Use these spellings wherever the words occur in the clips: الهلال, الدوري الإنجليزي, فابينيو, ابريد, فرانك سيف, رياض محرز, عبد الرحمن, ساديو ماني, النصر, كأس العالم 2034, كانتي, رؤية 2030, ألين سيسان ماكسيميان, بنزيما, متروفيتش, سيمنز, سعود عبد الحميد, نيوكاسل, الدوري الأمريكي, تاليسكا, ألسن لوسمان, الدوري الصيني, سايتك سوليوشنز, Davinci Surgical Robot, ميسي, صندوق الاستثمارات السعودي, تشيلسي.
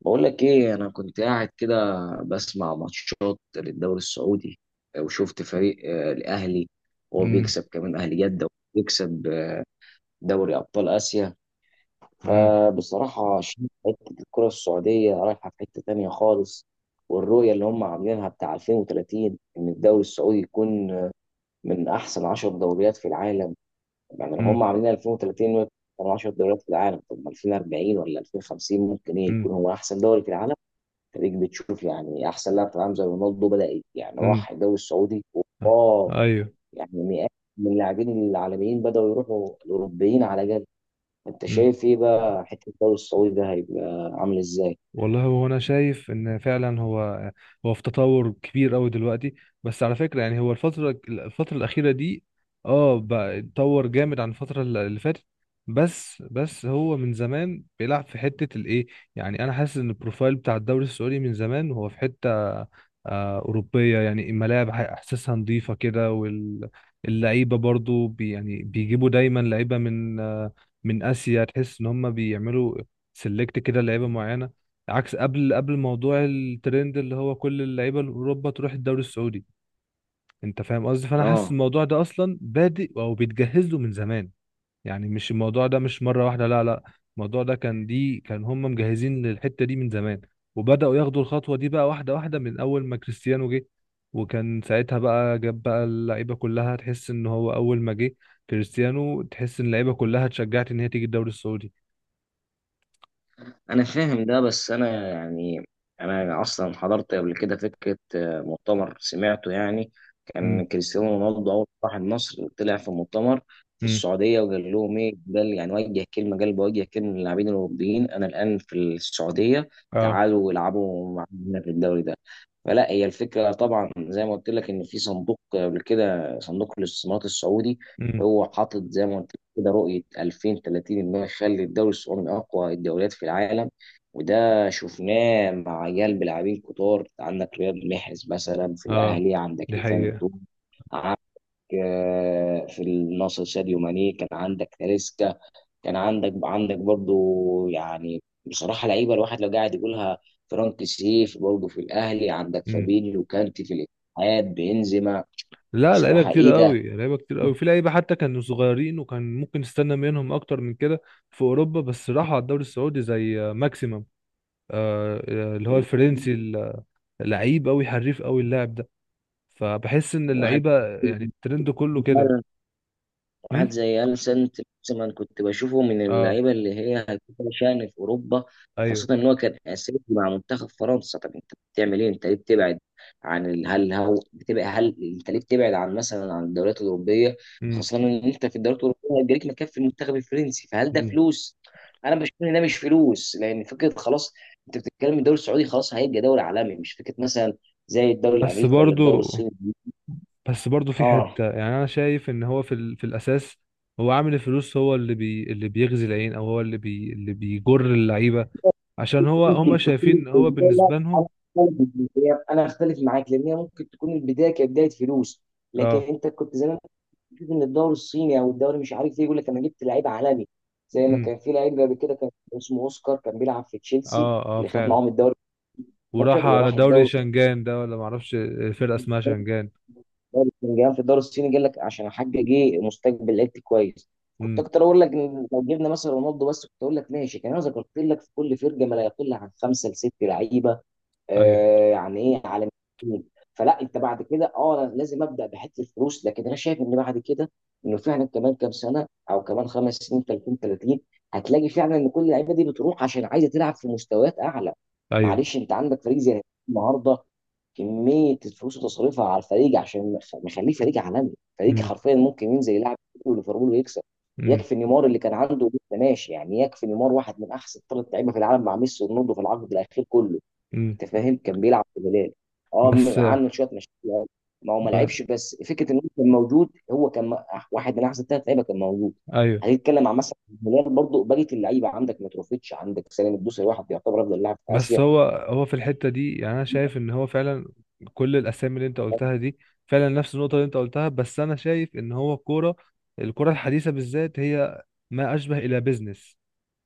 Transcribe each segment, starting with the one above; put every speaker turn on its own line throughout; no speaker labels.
بقول لك ايه، انا كنت قاعد كده بسمع ماتشات للدوري السعودي. وشفت فريق، الاهلي، وهو
امم.
بيكسب كمان، اهلي جده. وبيكسب دوري ابطال اسيا.
امم.
فبصراحه شايف حته الكره السعوديه رايحه في حته تانية خالص. والرؤيه اللي هم عاملينها بتاع 2030 ان الدوري السعودي يكون من احسن 10 دوريات في العالم. يعني لو هم عاملين 2030 إنه يكون من 10 دوريات في العالم، طب ما 2040 ولا 2050 ممكن ايه
امم.
يكون هو احسن دوري في العالم. خليك بتشوف يعني احسن لاعب في العالم زي رونالدو بدا، يعني
امم.
راح الدوري السعودي. واه
ايوه.
يعني مئات من اللاعبين العالميين بداوا يروحوا الاوروبيين على جد. انت
مم.
شايف ايه بقى حته الدوري السعودي ده هيبقى عامل ازاي؟
والله هو انا شايف ان فعلا هو في تطور كبير قوي دلوقتي. بس على فكره، يعني هو الفتره الاخيره دي اه بقى اتطور جامد عن اللي فاتت. بس هو من زمان بيلعب في حته الايه، يعني انا حاسس ان البروفايل بتاع الدوري السعودي من زمان هو في حته أوروبية، يعني الملاعب إحساسها نظيفة كده، واللعيبة برضو بي يعني بيجيبوا دايما لعيبة من من آسيا. تحس إن هم بيعملوا سيلكت كده لعيبة معينة، عكس قبل موضوع الترند اللي هو كل اللعيبه الاوروبا تروح الدوري السعودي. انت فاهم قصدي؟ فانا حاسس
اه،
الموضوع ده اصلا بادئ او بيتجهز له من زمان. يعني مش الموضوع ده مش مره واحده، لا لا. الموضوع ده كان، دي كان هم مجهزين للحته دي من زمان، وبداوا ياخدوا الخطوه دي بقى واحده واحده من اول ما كريستيانو جه. وكان ساعتها بقى جاب بقى اللعيبه كلها. تحس ان هو اول ما جه كريستيانو تحس ان اللعيبه كلها اتشجعت ان هي تيجي الدوري السعودي.
انا فاهم ده، بس انا يعني انا اصلا حضرت قبل كده فكره، مؤتمر سمعته يعني.
امم.
كان كريستيانو رونالدو اول ما راح النصر طلع في مؤتمر في
امم.
السعوديه وقال لهم ايه، قال يعني وجه كلمه، قال بوجه كلمه للاعبين الاوروبيين: انا الان في السعوديه،
اه.
تعالوا العبوا معانا في الدوري ده. فلا، هي الفكره طبعا زي ما قلت لك ان في صندوق، قبل كده صندوق الاستثمارات السعودي
امم.
هو حاطط زي ما قلت كده رؤية 2030 إنه يخلي الدوري السعودي من أقوى الدوريات في العالم. وده شفناه مع عيال بلاعبين كتار. عندك رياض محرز مثلا في
اه،
الأهلي، عندك
دي
إيفان
حقيقة.
توم، عندك في النصر ساديو ماني، كان عندك تاليسكا، كان عندك برضو، يعني بصراحة لعيبة الواحد لو قاعد يقولها، فرانك سيف برضو في الأهلي، عندك
مم.
فابينيو، كانتي في الاتحاد، بنزيما.
لا، لعيبه
بصراحة
كتير
إيه ده!
قوي، لعيبه كتير قوي، في لعيبه حتى كانوا صغيرين وكان ممكن نستنى منهم اكتر من كده في اوروبا، بس راحوا على الدوري السعودي زي ماكسيمم، آه، اللي هو الفرنسي. لعيب قوي، حريف قوي اللاعب ده. فبحس ان
واحد
اللعيبه يعني الترند كله كده.
واحد
مم؟
زي ألسن لوسمان كنت بشوفه من
اه.
اللعيبة اللي هي هتبقى شأن في أوروبا،
ايوه.
وخاصة إن هو كان أساسي مع منتخب فرنسا. طب أنت بتعمل إيه؟ أنت ليه بتبعد عن ال- هل هو بتبقى هل أنت ليه بتبعد عن مثلا عن الدوريات الأوروبية،
مم.
خاصة إن أنت في الدوريات الأوروبية هيجيلك مكان في المنتخب الفرنسي. فهل ده
مم.
فلوس؟ أنا بشوف إن ده مش فلوس، لأن فكرة خلاص أنت بتتكلم الدوري السعودي خلاص هيبقى دوري عالمي، مش فكرة مثلا زي الدوري
بس
الأمريكي ولا الدوري
برضو
الصيني.
بس برضو في
آه،
حته، يعني انا شايف ان هو في الاساس هو عامل الفلوس، هو اللي بيغزي العين، او هو اللي بيجر اللعيبه، عشان هو هم
ممكن تكون
شايفين هو
البدايه. لا،
بالنسبة
انا
لهم.
أختلف معاك. انا اختلف معاك لان هي ممكن تكون البدايه كانت بدايه فلوس، لكن
اه.
انت كنت زمان بتشوف ان الدوري الصيني او الدوري مش عارف ايه يقول لك انا جبت لعيب عالمي، زي ما
امم.
كان في لعيب قبل كده كان اسمه اوسكار كان بيلعب في تشيلسي
اه. اه
اللي خد
فعلا.
معاهم الدوري
وراح
12
على
وراح
دوري
الدوري الصيني.
شنغان ده، ولا معرفش الفرقة اسمها شنغان.
في الدوري الصيني قال لك عشان احقق ايه، مستقبل لعيبتي كويس. كنت
امم.
اكتر اقول لك إن لو جبنا مثلا رونالدو بس كنت اقول لك ماشي، كان انا ذكرت لك في كل فرقه ما لا يقل عن خمسه لست لعيبه
ايوه.
يعني ايه، عالميين. فلا، انت بعد كده اه أنا لازم ابدا بحته الفلوس، لكن انا شايف ان بعد كده انه فعلا كمان كام سنه او كمان خمس سنين، 30 30 هتلاقي فعلا ان كل اللعيبه دي بتروح عشان عايزه تلعب في مستويات اعلى.
ايوه.
معلش، انت عندك فريق زي النهارده كميه الفلوس اللي تصرفها على الفريق عشان مخليه فريق عالمي، فريق
امم.
حرفيا ممكن ينزل يلعب ليفربول ويكسب.
امم.
يكفي نيمار اللي كان عنده لسه ماشي، يعني يكفي نيمار واحد من احسن ثلاث لعيبه في العالم مع ميسي ورونالدو في العقد الاخير كله.
امم.
انت فاهم، كان بيلعب في الهلال. اه،
بس
عنده شويه مشاكل ما هو ما
ب...
لعبش، بس فكره ان هو كان موجود. هو كان واحد من احسن ثلاث لعيبه كان موجود.
ايوه،
هنتكلم عن مثلا الهلال برضو، بقيه اللعيبه عندك متروفيتش، عندك سالم الدوسري واحد يعتبر افضل لاعب في
بس
اسيا.
هو في الحتة دي، يعني انا شايف ان هو فعلا كل الاسامي اللي انت قلتها دي فعلا نفس النقطة اللي انت قلتها. بس انا شايف ان هو الكورة الحديثة بالذات هي ما اشبه الى بيزنس.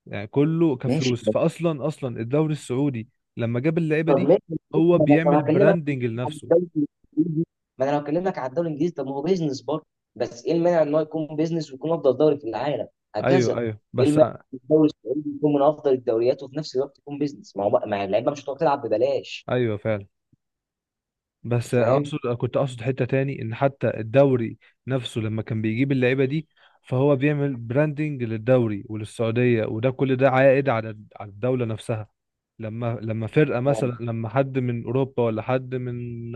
يعني كله
ماشي،
كفلوس. فاصلا اصلا الدوري السعودي لما جاب اللعيبه
طب
دي
ماشي.
هو
ما انا لو
بيعمل
هكلمك
براندنج
عن
لنفسه.
الدوري الانجليزي ما انا لو هكلمك عن الدوري الانجليزي، طب ما هو بيزنس برضه. بس ايه المانع ان هو يكون بيزنس ويكون افضل دوري في العالم؟
ايوه،
هكذا،
ايوه،
ايه
بس.
المانع إن الدوري السعودي يكون من افضل الدوريات وفي نفس الوقت يكون بيزنس؟ ما هو ما اللعيبه مش هتقعد تلعب ببلاش.
ايوه فعلا.
انت
بس
فاهم؟
اقصد، كنت اقصد حتة تاني، ان حتى الدوري نفسه لما كان بيجيب اللعيبة دي فهو بيعمل براندنج للدوري وللسعودية، وده كل ده عائد على على الدولة نفسها. لما فرقة،
ما
مثلا لما حد من اوروبا ولا حد من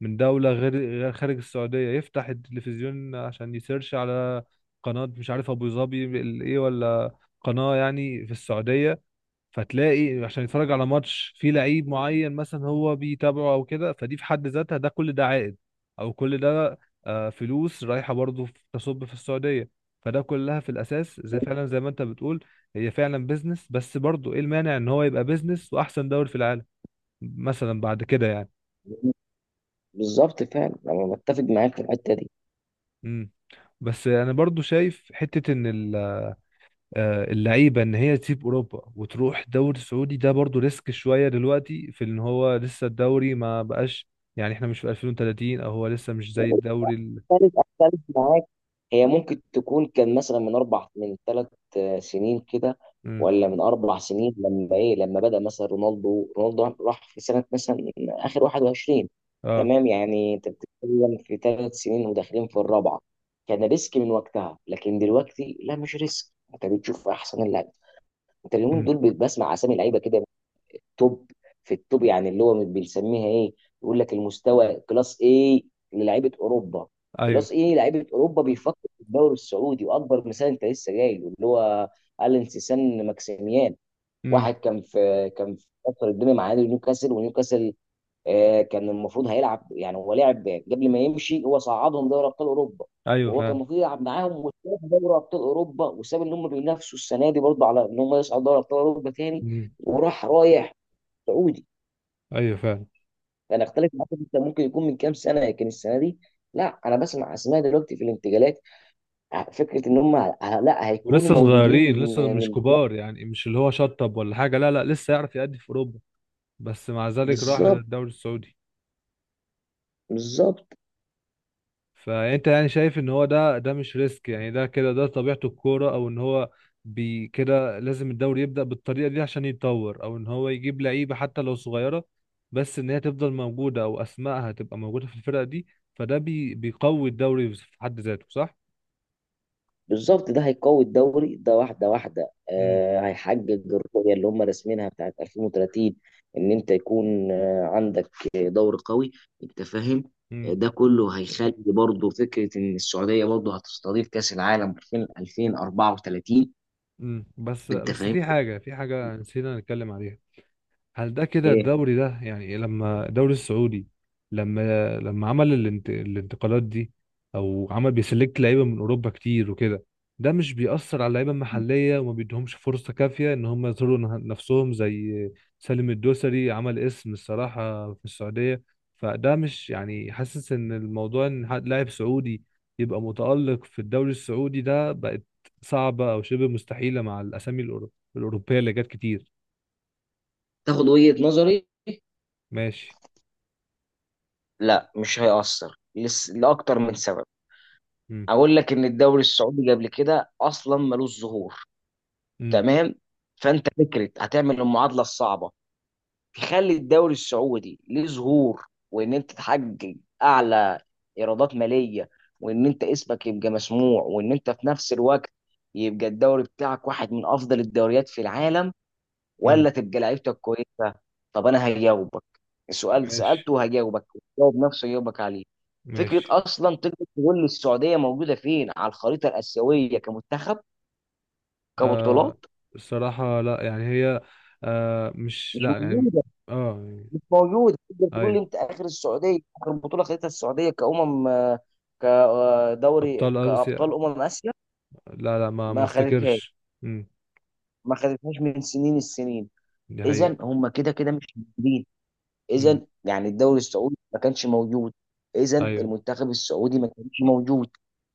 من دولة غير خارج السعودية يفتح التلفزيون عشان يسيرش على قناة، مش عارف ابو ظبي ايه، ولا قناة يعني في السعودية، فتلاقي عشان يتفرج على ماتش فيه لعيب معين مثلا هو بيتابعه او كده. فدي في حد ذاتها، ده كل ده عائد، او كل ده فلوس رايحه برضه تصب في السعوديه. فده كلها في الاساس، زي
هو-
فعلا زي ما انت بتقول، هي فعلا بيزنس. بس برضه ايه المانع ان هو يبقى بيزنس واحسن دوري في العالم مثلا بعد كده يعني.
بالظبط، فعلا انا متفق معاك في الحته دي.
امم. بس انا برضه شايف حته ان ال اللعيبه ان هي تسيب اوروبا وتروح دوري سعودي ده برضو ريسك شويه دلوقتي، في ان هو لسه الدوري ما بقاش، يعني احنا مش في 2030، او هو لسه مش زي الدوري ال...
اختلف معاك. هي ممكن تكون كان مثلا من اربع، من ثلاث سنين كده،
مم.
ولا من اربع سنين، لما ايه، لما بدأ مثلا رونالدو راح في سنة مثلا اخر 21،
اه.
تمام؟ يعني انت بتتكلم في ثلاث سنين وداخلين في الرابعة. كان ريسك من وقتها، لكن دلوقتي لا، مش ريسك. انت بتشوف احسن اللعيبه. انت اليومين
مم.
دول بتسمع اسامي لعيبه كده توب في التوب، يعني اللي هو بنسميها ايه، يقول لك المستوى كلاس ايه، للعيبه اوروبا
ايوه.
كلاس ايه، لعيبه اوروبا بيفكر في الدوري السعودي. واكبر مثال انت لسه جايله اللي هو الين سيسان ماكسيميان،
مم.
واحد كان في فتره الدنيا مع نادي نيوكاسل. ونيوكاسل، كان المفروض هيلعب، يعني هو لعب قبل ما يمشي، هو صعدهم دوري ابطال اوروبا،
ايوه
وهو كان
فعلا.
المفروض يلعب معاهم، وساب دوري ابطال اوروبا، وساب ان هم بينافسوا السنه دي برضه على ان هم يصعدوا دوري ابطال اوروبا تاني،
مم.
وراح رايح سعودي.
ايوه فعلا،
انا اختلف معاك، انت ممكن يكون من كام سنه، لكن السنه دي لا، انا بسمع اسماء دلوقتي في الانتقالات، فكره ان هم لا، هيكونوا
ولسه
موجودين
صغيرين، لسه مش
من.
كبار، يعني مش اللي هو شطب ولا حاجه، لا لا، لسه يعرف يأدي في اوروبا بس مع ذلك راح
بالظبط،
الدوري السعودي.
بالظبط،
فانت يعني شايف ان هو ده مش ريسك، يعني ده كده ده طبيعته الكوره، او ان هو بي كده لازم الدوري يبدا بالطريقه دي عشان يتطور، او ان هو يجيب لعيبه حتى لو صغيره بس ان هي تفضل موجوده، او اسمائها تبقى موجوده في الفرقه دي، فده بي بيقوي الدوري في حد ذاته، صح؟
بالظبط، ده هيقوي الدوري ده واحده واحده.
امم.
هيحقق الرؤيه اللي هم راسمينها بتاعت 2030، ان انت يكون عندك دوري قوي، انت فاهم.
امم.
ده كله هيخلي برضه فكره ان السعوديه برضه هتستضيف كاس العالم 2034.
امم. بس
انت
بس
فاهم
في حاجه نسينا نتكلم عليها. هل ده كده
ايه،
الدوري ده، يعني لما الدوري السعودي، لما عمل الانتقالات دي، او عمل بيسلكت لعيبه من اوروبا كتير وكده، ده مش بيأثر على اللعيبه المحليه وما بيدهمش فرصه كافيه ان هم يظهروا نفسهم؟ زي سالم الدوسري عمل اسم الصراحه في السعوديه. فده مش، يعني حاسس ان الموضوع ان لاعب سعودي يبقى متألق في الدوري السعودي ده بقت صعبة او شبه مستحيلة مع الاوروبيه اللي جت كتير.
تاخد وجهة نظري؟
ماشي.
لا، مش هيأثر لأكتر من سبب. أقول لك إن الدوري السعودي قبل كده أصلا ملوش ظهور،
امم.
تمام. فأنت فكرة هتعمل المعادلة الصعبة، تخلي الدوري السعودي ليه ظهور، وإن أنت تحقق أعلى إيرادات مالية، وإن أنت اسمك يبقى مسموع، وإن أنت في نفس الوقت يبقى الدوري بتاعك واحد من أفضل الدوريات في العالم،
امم.
ولا تبقى لعيبتك كويسه. طب انا هجاوبك، السؤال
ماشي.
سالته هجاوبك، جاوب نفسه يجاوبك عليه. فكره
ماشي.
اصلا، تقدر تقول لي السعوديه موجوده فين على الخريطه الاسيويه؟ كمنتخب،
آه.
كبطولات،
الصراحة لا، يعني هي، آه مش
مش
لا يعني.
موجوده.
اه يعني.
مش موجوده. تقدر تقول لي
ايوه،
انت اخر السعوديه، اخر بطوله خدتها السعوديه كامم كدوري،
ابطال اسيا.
كابطال اسيا؟
لا لا، ما
ما خدتهاش
افتكرش. امم.
ما خدتهاش من سنين، السنين.
دي حقيقة.
اذا هم كده كده مش موجودين،
امم.
اذا يعني الدوري السعودي ما كانش موجود، اذا
ايوه.
المنتخب السعودي ما كانش موجود.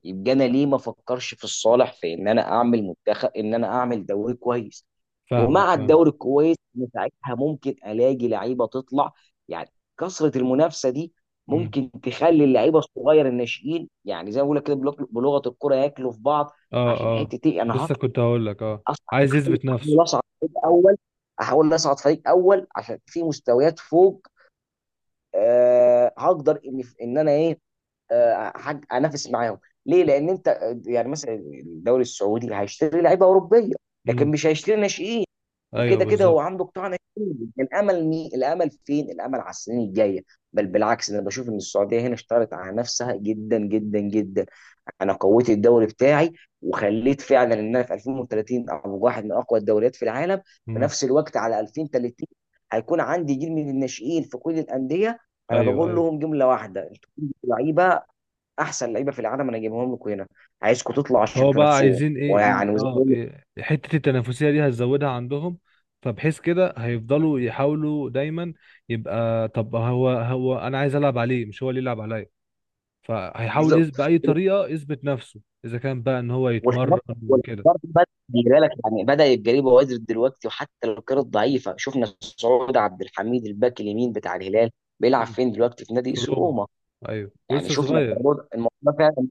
يبقى انا ليه ما افكرش في الصالح، في ان انا اعمل منتخب، ان انا اعمل دوري كويس،
فاهمك،
ومع
فاهم.
الدوري الكويس إن ساعتها ممكن الاقي لعيبه تطلع. يعني كثره المنافسه دي
امم.
ممكن تخلي اللعيبه الصغير الناشئين، يعني زي ما بقول لك كده بلغه الكره ياكلوا في بعض.
اه.
عشان
اه،
حته ايه، انا
لسه
هطلع
كنت هقول لك. اه،
اصعد،
عايز يثبت نفسه.
احاول اصعد فريق اول احاول اصعد فريق اول عشان في مستويات فوق، هقدر ان ان انا ايه، انافس معاهم. ليه؟ لان انت يعني مثلا الدوري السعودي هيشتري لعيبه اوروبيه لكن
امم.
مش هيشتري ناشئين.
ايوه
وكده كده هو
بالظبط.
عنده قطاع ناشئ. الامل فين؟ الامل على السنين الجايه. بل بالعكس، انا بشوف ان السعوديه هنا اشتغلت على نفسها جدا جدا جدا. انا قويت الدوري بتاعي، وخليت فعلا ان انا في 2030 ابقى واحد من اقوى الدوريات في العالم. في
امم.
نفس الوقت على 2030 هيكون عندي جيل من الناشئين في كل الانديه، انا
ايوه.
بقول
ايوه.
لهم جمله واحده: انتوا كنتوا لعيبه، احسن لعيبه في العالم انا جايبهم لكم هنا، عايزكم تطلعوا عشان
فهو بقى
تنافسوهم.
عايزين ايه،
ويعني وزي ما
اه
بقول لك،
إيه حتة التنافسية دي هتزودها عندهم، فبحيث كده هيفضلوا يحاولوا دايما يبقى، طب هو انا عايز العب عليه مش هو اللي يلعب عليا. فهيحاول
بالظبط.
بأي طريقة يثبت نفسه اذا كان بقى ان هو
والحوار
يتمرن وكده.
والحوار ده بدأ، خلي بالك، يعني بدأ يتجري بوادر دلوقتي، وحتى لو كانت ضعيفة. شفنا سعود عبد الحميد الباك اليمين بتاع الهلال بيلعب
مم.
فين دلوقتي؟ في نادي
في
ايسي
روما.
روما.
ايوه
يعني
ولسه
شفنا
صغير.
الموضوع ده فعلا.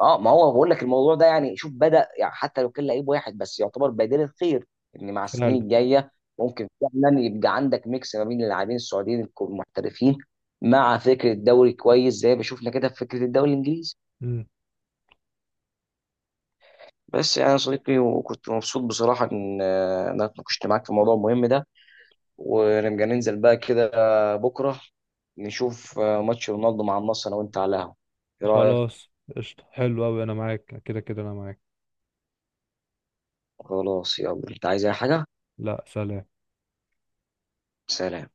اه، ما هو بقول لك الموضوع ده، يعني شوف بدأ، يعني حتى لو كان لعيب واحد بس يعتبر بديل الخير، ان مع
فعلا.
السنين الجاية ممكن فعلا يبقى عندك ميكس ما بين اللاعبين السعوديين المحترفين مع فكرة الدوري كويس زي ما شفنا كده في فكرة الدوري الانجليزي.
مم.
بس يعني يا صديقي، وكنت مبسوط بصراحة إن أنا اتناقشت معاك في الموضوع المهم ده. ونبقى ننزل بقى كده بكرة نشوف ماتش رونالدو مع النصر أنا وأنت على القهوة، إيه رأيك؟
خلاص. قشطة، حلو قوي، انا معاك، كده كده انا معاك.
خلاص، يلا، أنت عايز أي حاجة؟
لا، سلام.
سلام.